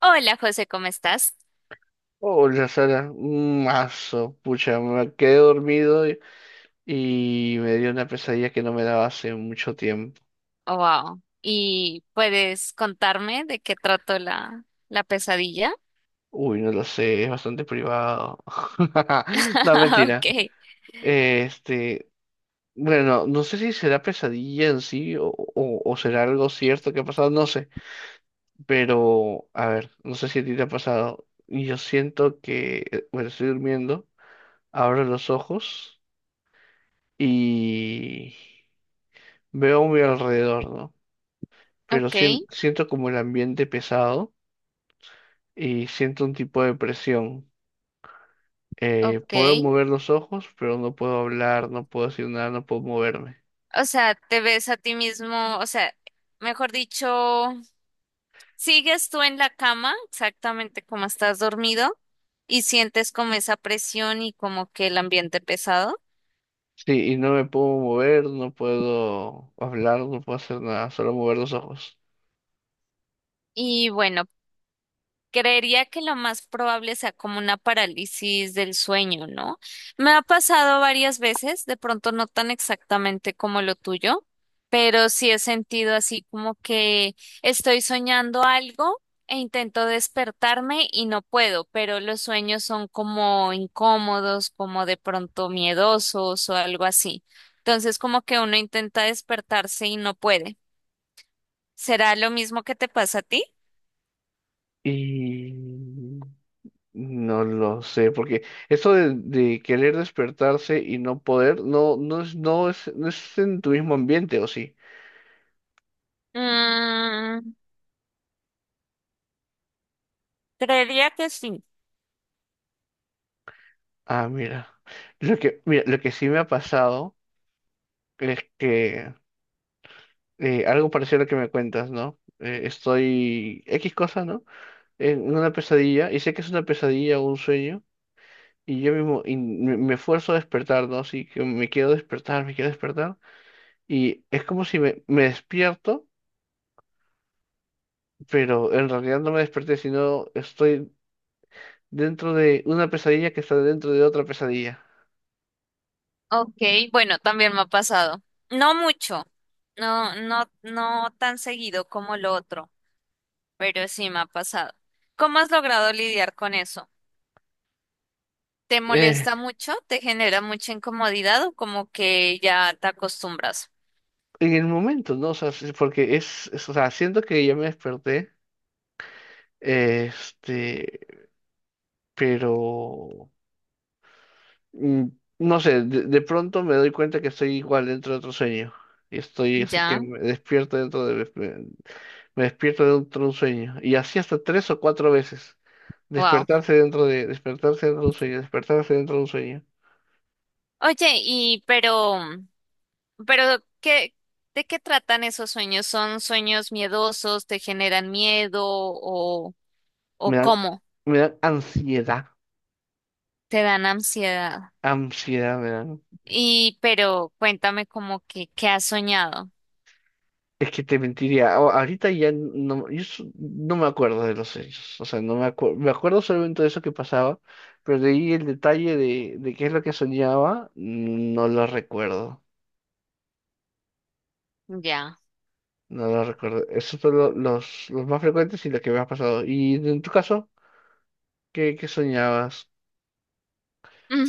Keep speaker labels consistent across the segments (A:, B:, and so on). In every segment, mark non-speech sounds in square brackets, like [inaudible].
A: Hola José, ¿cómo estás?
B: Hola Sara, un mazo, pucha, me quedé dormido y me dio una pesadilla que no me daba hace mucho tiempo.
A: Wow. ¿Y puedes contarme de qué trató la pesadilla?
B: Uy, no lo sé, es bastante privado. [laughs] No,
A: [laughs] Ok,
B: mentira. Este, bueno, no sé si será pesadilla en sí o será algo cierto que ha pasado, no sé. Pero, a ver, no sé si a ti te ha pasado. Yo siento que, bueno, estoy durmiendo, abro los ojos y veo a mi alrededor, ¿no? Pero
A: ok,
B: siento como el ambiente pesado y siento un tipo de presión.
A: ok.
B: Puedo mover los ojos, pero no puedo hablar, no puedo decir nada, no puedo moverme.
A: O sea, te ves a ti mismo, o sea, mejor dicho, sigues tú en la cama exactamente como estás dormido y sientes como esa presión y como que el ambiente pesado.
B: Sí, y no me puedo mover, no puedo hablar, no puedo hacer nada, solo mover los ojos.
A: Y bueno, creería que lo más probable sea como una parálisis del sueño, ¿no? Me ha pasado varias veces, de pronto no tan exactamente como lo tuyo, pero sí he sentido así como que estoy soñando algo e intento despertarme y no puedo, pero los sueños son como incómodos, como de pronto miedosos o algo así. Entonces como que uno intenta despertarse y no puede. ¿Será lo mismo que te pasa a ti?
B: Y no lo sé, porque eso de querer despertarse y no poder, no es en tu mismo ambiente, ¿o sí?
A: Mm, Creería que sí.
B: Ah, mira. Mira, lo que sí me ha pasado es que algo parecido a lo que me cuentas, ¿no? Estoy X cosa, ¿no? En una pesadilla, y sé que es una pesadilla o un sueño, y yo mismo y me esfuerzo a despertar, ¿no? Así que me quiero despertar, y es como si me despierto, pero en realidad no me desperté, sino estoy dentro de una pesadilla que está dentro de otra pesadilla.
A: Ok, bueno, también me ha pasado. No mucho, no tan seguido como lo otro, pero sí me ha pasado. ¿Cómo has logrado lidiar con eso? ¿Te
B: Eh,
A: molesta mucho? ¿Te genera mucha incomodidad o como que ya te acostumbras?
B: en el momento, ¿no? O sea, sí, porque o sea, siento que ya me desperté, este, pero... Mm, no sé, de pronto me doy cuenta que estoy igual dentro de otro sueño. Y estoy así que
A: Ya,
B: me despierto dentro de... Me despierto dentro de un sueño. Y así hasta tres o cuatro veces.
A: wow.
B: Despertarse dentro de un sueño. Despertarse dentro de un sueño.
A: Oye, y pero ¿qué, de qué tratan esos sueños? ¿Son sueños miedosos? ¿Te generan miedo o
B: Me dan,
A: cómo?
B: me dan ansiedad.
A: ¿Te dan ansiedad?
B: Ansiedad me dan.
A: Y, pero cuéntame como que, ¿qué has soñado?
B: Es que te mentiría. Ahorita ya no, no me acuerdo de los hechos. O sea, no me acuerdo. Me acuerdo solamente de eso que pasaba, pero de ahí el detalle de qué es lo que soñaba, no lo recuerdo.
A: Ya. [laughs]
B: No lo recuerdo. Esos son los más frecuentes y los que me ha pasado. ¿Y en tu caso, qué soñabas?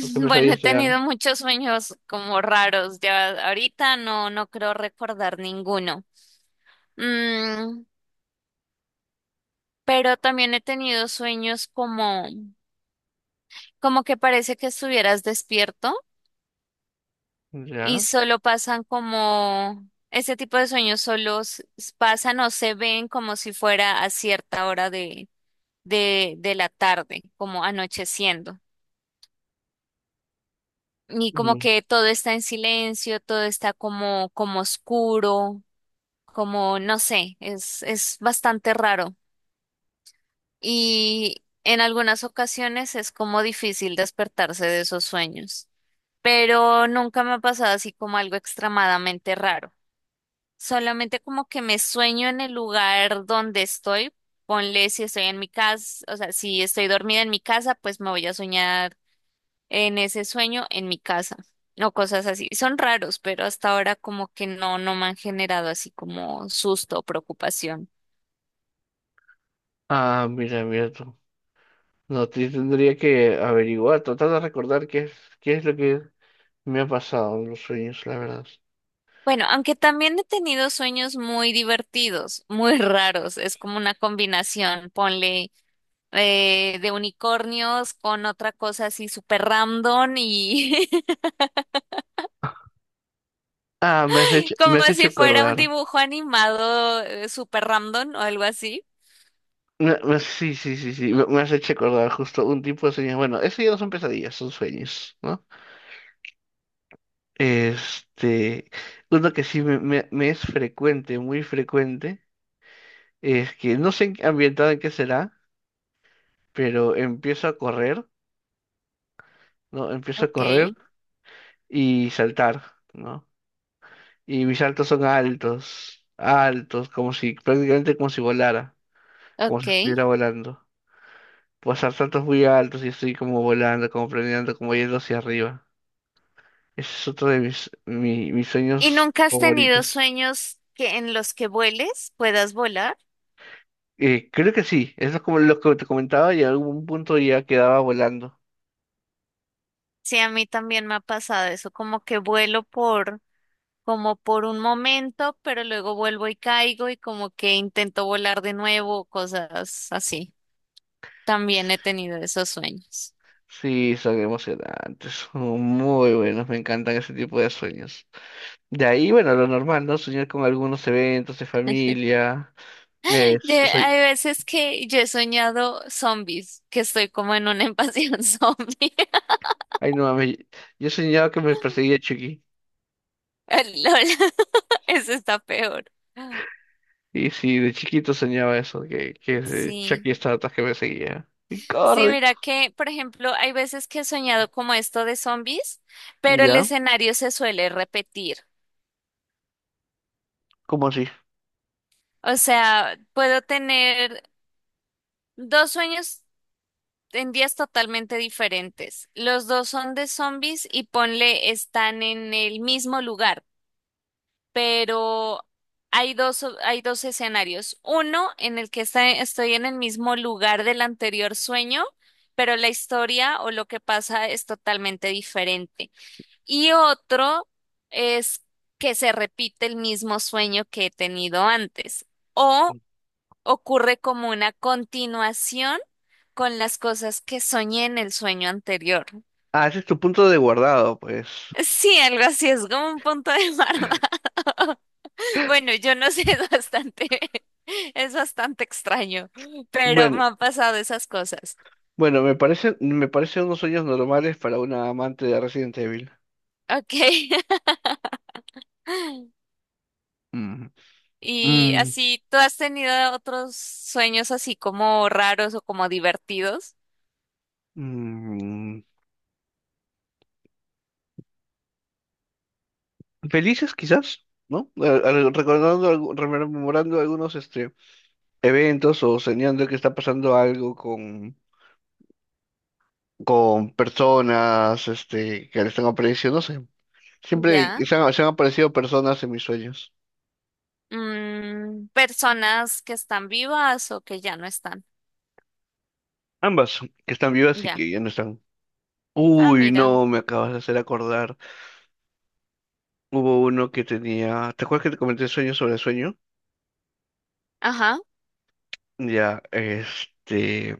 B: ¿O qué
A: Bueno, he
B: pesadillas te
A: tenido
B: dan?
A: muchos sueños como raros. Ya ahorita no, no creo recordar ninguno. Mm, pero también he tenido sueños como, como que parece que estuvieras despierto y
B: ¿Ya?
A: solo pasan como, ese tipo de sueños solo pasan o se ven como si fuera a cierta hora de la tarde, como anocheciendo. Y como
B: Mm.
A: que todo está en silencio, todo está como, como oscuro, como no sé, es bastante raro. Y en algunas ocasiones es como difícil despertarse de esos sueños. Pero nunca me ha pasado así como algo extremadamente raro. Solamente como que me sueño en el lugar donde estoy. Ponle si estoy en mi casa, o sea, si estoy dormida en mi casa, pues me voy a soñar en ese sueño en mi casa o cosas así. Son raros, pero hasta ahora como que no, no me han generado así como susto o preocupación.
B: Ah, mira, mira tú. No, tendría que averiguar, tratar de recordar qué es lo que me ha pasado en los sueños, la verdad.
A: Bueno, aunque también he tenido sueños muy divertidos, [laughs] muy raros, es como una combinación, ponle de unicornios con otra cosa así súper random y [laughs]
B: Ah, me
A: como
B: has hecho
A: si fuera un
B: acordar.
A: dibujo animado súper random o algo así.
B: Sí, sí, sí, sí, me has hecho acordar justo un tipo de sueños. Bueno, eso ya no son pesadillas, son sueños, ¿no? Este, uno que sí me es frecuente, muy frecuente, es que no sé ambientado en qué será, pero empiezo a correr, ¿no? Empiezo a
A: Ok,
B: correr y saltar, ¿no? Y mis saltos son altos, altos, como si, prácticamente como si volara, como
A: ok.
B: si estuviera volando. Pasar saltos muy altos y estoy como volando, como planeando, como yendo hacia arriba. Ese es otro de mis
A: ¿Y
B: sueños
A: nunca has tenido
B: favoritos.
A: sueños que en los que vueles, puedas volar?
B: Creo que sí, eso es como lo que te comentaba y en algún punto ya quedaba volando.
A: Sí, a mí también me ha pasado eso, como que vuelo por, como por un momento, pero luego vuelvo y caigo y como que intento volar de nuevo, cosas así. También he tenido esos sueños. [gasps]
B: Sí, son emocionantes, son muy buenos, me encantan ese tipo de sueños. De ahí, bueno, lo normal, ¿no? Soñar con algunos eventos de familia.
A: [laughs] De
B: Soy...
A: hay veces que yo he soñado zombies, que estoy como en una invasión [laughs] zombie. [laughs]
B: Ay, no, mami, yo soñaba que me perseguía Chucky.
A: LOL, [laughs] eso está peor.
B: Y sí, de chiquito soñaba eso, que
A: Sí.
B: Chucky estaba que me seguía. Y
A: Sí,
B: corre.
A: mira que, por ejemplo, hay veces que he soñado como esto de zombies, pero el
B: ¿Ya?
A: escenario se suele repetir.
B: ¿Cómo así?
A: O sea, puedo tener dos sueños en días totalmente diferentes. Los dos son de zombies y ponle están en el mismo lugar, pero hay dos escenarios. Uno en el que estoy en el mismo lugar del anterior sueño, pero la historia o lo que pasa es totalmente diferente. Y otro es que se repite el mismo sueño que he tenido antes o ocurre como una continuación con las cosas que soñé en el sueño anterior.
B: Ah, ese es tu punto de guardado, pues.
A: Sí, algo así, es como un punto de barba. [laughs] Bueno, yo no sé, es bastante, [laughs] es bastante extraño, pero
B: Bueno,
A: me han pasado esas cosas.
B: bueno, me parecen unos sueños normales para una amante de Resident Evil.
A: Ok. [laughs]
B: Mm.
A: Y
B: Mm,
A: así, ¿tú has tenido otros sueños así como raros o como divertidos?
B: mm. Felices quizás, ¿no? Recordando, rememorando algunos eventos o soñando que está pasando algo con personas que le están apareciendo, no sé. Siempre
A: Ya.
B: se han aparecido personas en mis sueños.
A: Mm, personas que están vivas o que ya no están.
B: Ambas, que están vivas y
A: Ya.
B: que ya no están.
A: Ah,
B: Uy,
A: mira.
B: no, me acabas de hacer acordar. Hubo uno que tenía. ¿Te acuerdas que te comenté sueño sobre sueño?
A: Ajá.
B: Ya, este.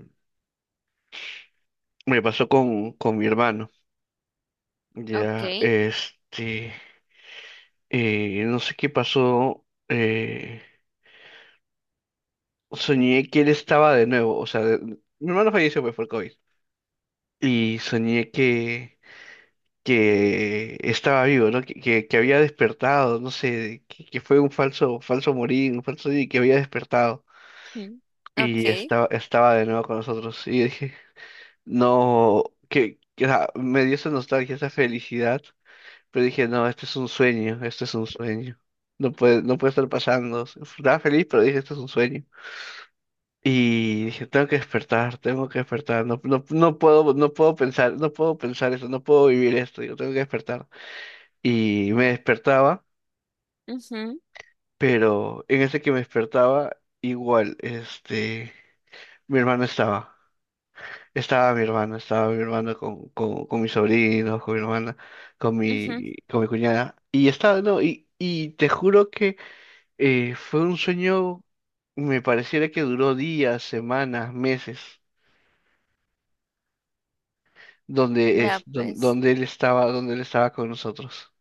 B: Me pasó con mi hermano. Ya,
A: Ok.
B: este. Eh, no sé qué pasó. Eh, soñé que él estaba de nuevo. Mi hermano falleció, pues, por COVID. Y soñé que. Que estaba vivo, ¿no? Que había despertado, no sé, que fue un falso, falso morir, un falso y que había despertado.
A: Ujú.
B: Y
A: Ok.
B: estaba, estaba de nuevo con nosotros. Y dije, no, o sea, me dio esa nostalgia, esa felicidad, pero dije, no, este es un sueño, este es un sueño. No puede, no puede estar pasando. Estaba feliz, pero dije, esto es un sueño. Y dije, tengo que despertar, no puedo, no puedo pensar, no puedo pensar eso, no puedo vivir esto, digo, tengo que despertar. Y me despertaba,
A: Ujú.
B: pero en ese que me despertaba, igual, este, mi hermano estaba, estaba mi hermano con mis sobrinos, con mi hermana,
A: Ujú.
B: con mi cuñada, y estaba, no, y te juro que fue un sueño, me pareciera que duró días, semanas, meses,
A: Vea pues.
B: donde él estaba con nosotros.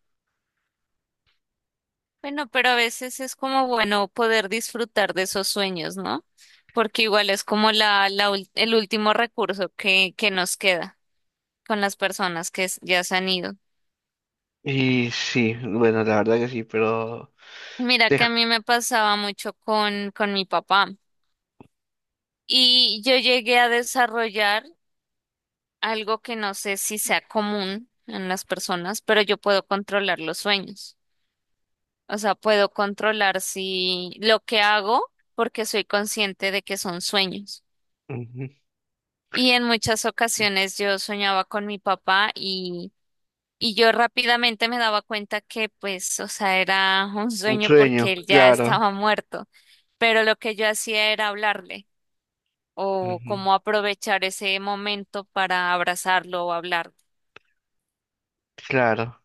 A: Bueno, pero a veces es como bueno poder disfrutar de esos sueños, ¿no? Porque igual es como el último recurso que nos queda con las personas que ya se han ido.
B: Y sí, bueno, la verdad que sí, pero
A: Mira
B: te-
A: que a mí me pasaba mucho con mi papá y yo llegué a desarrollar algo que no sé si sea común en las personas, pero yo puedo controlar los sueños. O sea, puedo controlar si lo que hago porque soy consciente de que son sueños.
B: ujú,
A: Y en muchas ocasiones yo soñaba con mi papá y yo rápidamente me daba cuenta que pues, o sea, era un
B: un
A: sueño porque
B: sueño,
A: él ya
B: claro.
A: estaba muerto. Pero lo que yo hacía era hablarle o
B: Ujú,
A: como aprovechar ese momento para abrazarlo o hablar.
B: claro.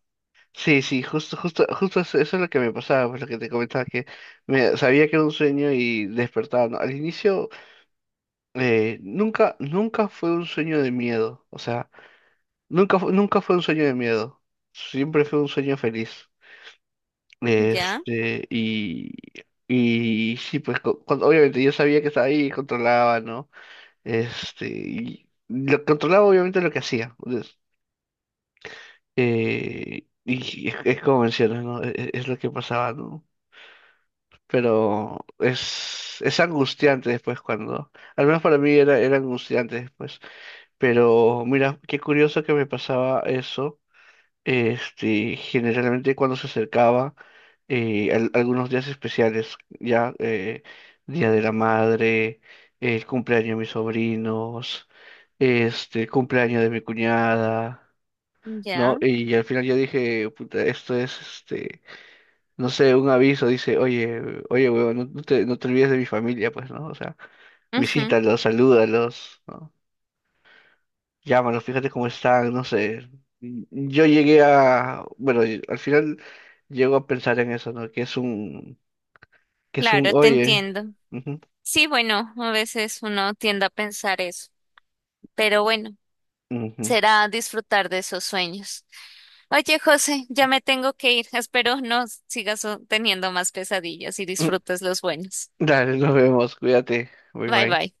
B: Sí, sí, justo, justo, justo eso es lo que me pasaba, pues lo que te comentaba, que sabía que era un sueño y despertaba, ¿no? Al inicio, nunca, nunca fue un sueño de miedo, o sea, nunca fue un sueño de miedo, siempre fue un sueño feliz.
A: ¿Ya?
B: Este, y sí, pues cuando, obviamente yo sabía que estaba ahí, controlaba, ¿no? Este, y lo controlaba obviamente lo que hacía, pues, y es como mencionas, ¿no? Es, lo que pasaba, ¿no? Pero es angustiante después cuando, al menos para mí era, era angustiante después. Pero mira, qué curioso que me pasaba eso. Este, generalmente cuando se acercaba algunos días especiales, ya Día de la Madre, el cumpleaños de mis sobrinos, este, el cumpleaños de mi cuñada. ¿No?
A: ¿Ya?
B: Y al final yo dije, puta, esto es, este, no sé, un aviso, dice, oye, oye, huevón, no te, no te olvides de mi familia, pues, ¿no? O sea,
A: Ujú.
B: visítalos, salúdalos, ¿no? Llámalos, fíjate cómo están, no sé. Yo llegué a, bueno, y al final llego a pensar en eso, ¿no? Que es un,
A: Claro, te
B: oye,
A: entiendo.
B: ujú,
A: Sí, bueno, a veces uno tiende a pensar eso, pero bueno,
B: ujú.
A: será disfrutar de esos sueños. Oye, José, ya me tengo que ir. Espero no sigas teniendo más pesadillas y
B: Mm,
A: disfrutes los buenos.
B: dale, nos vemos, cuídate, bye
A: Bye
B: bye.
A: bye.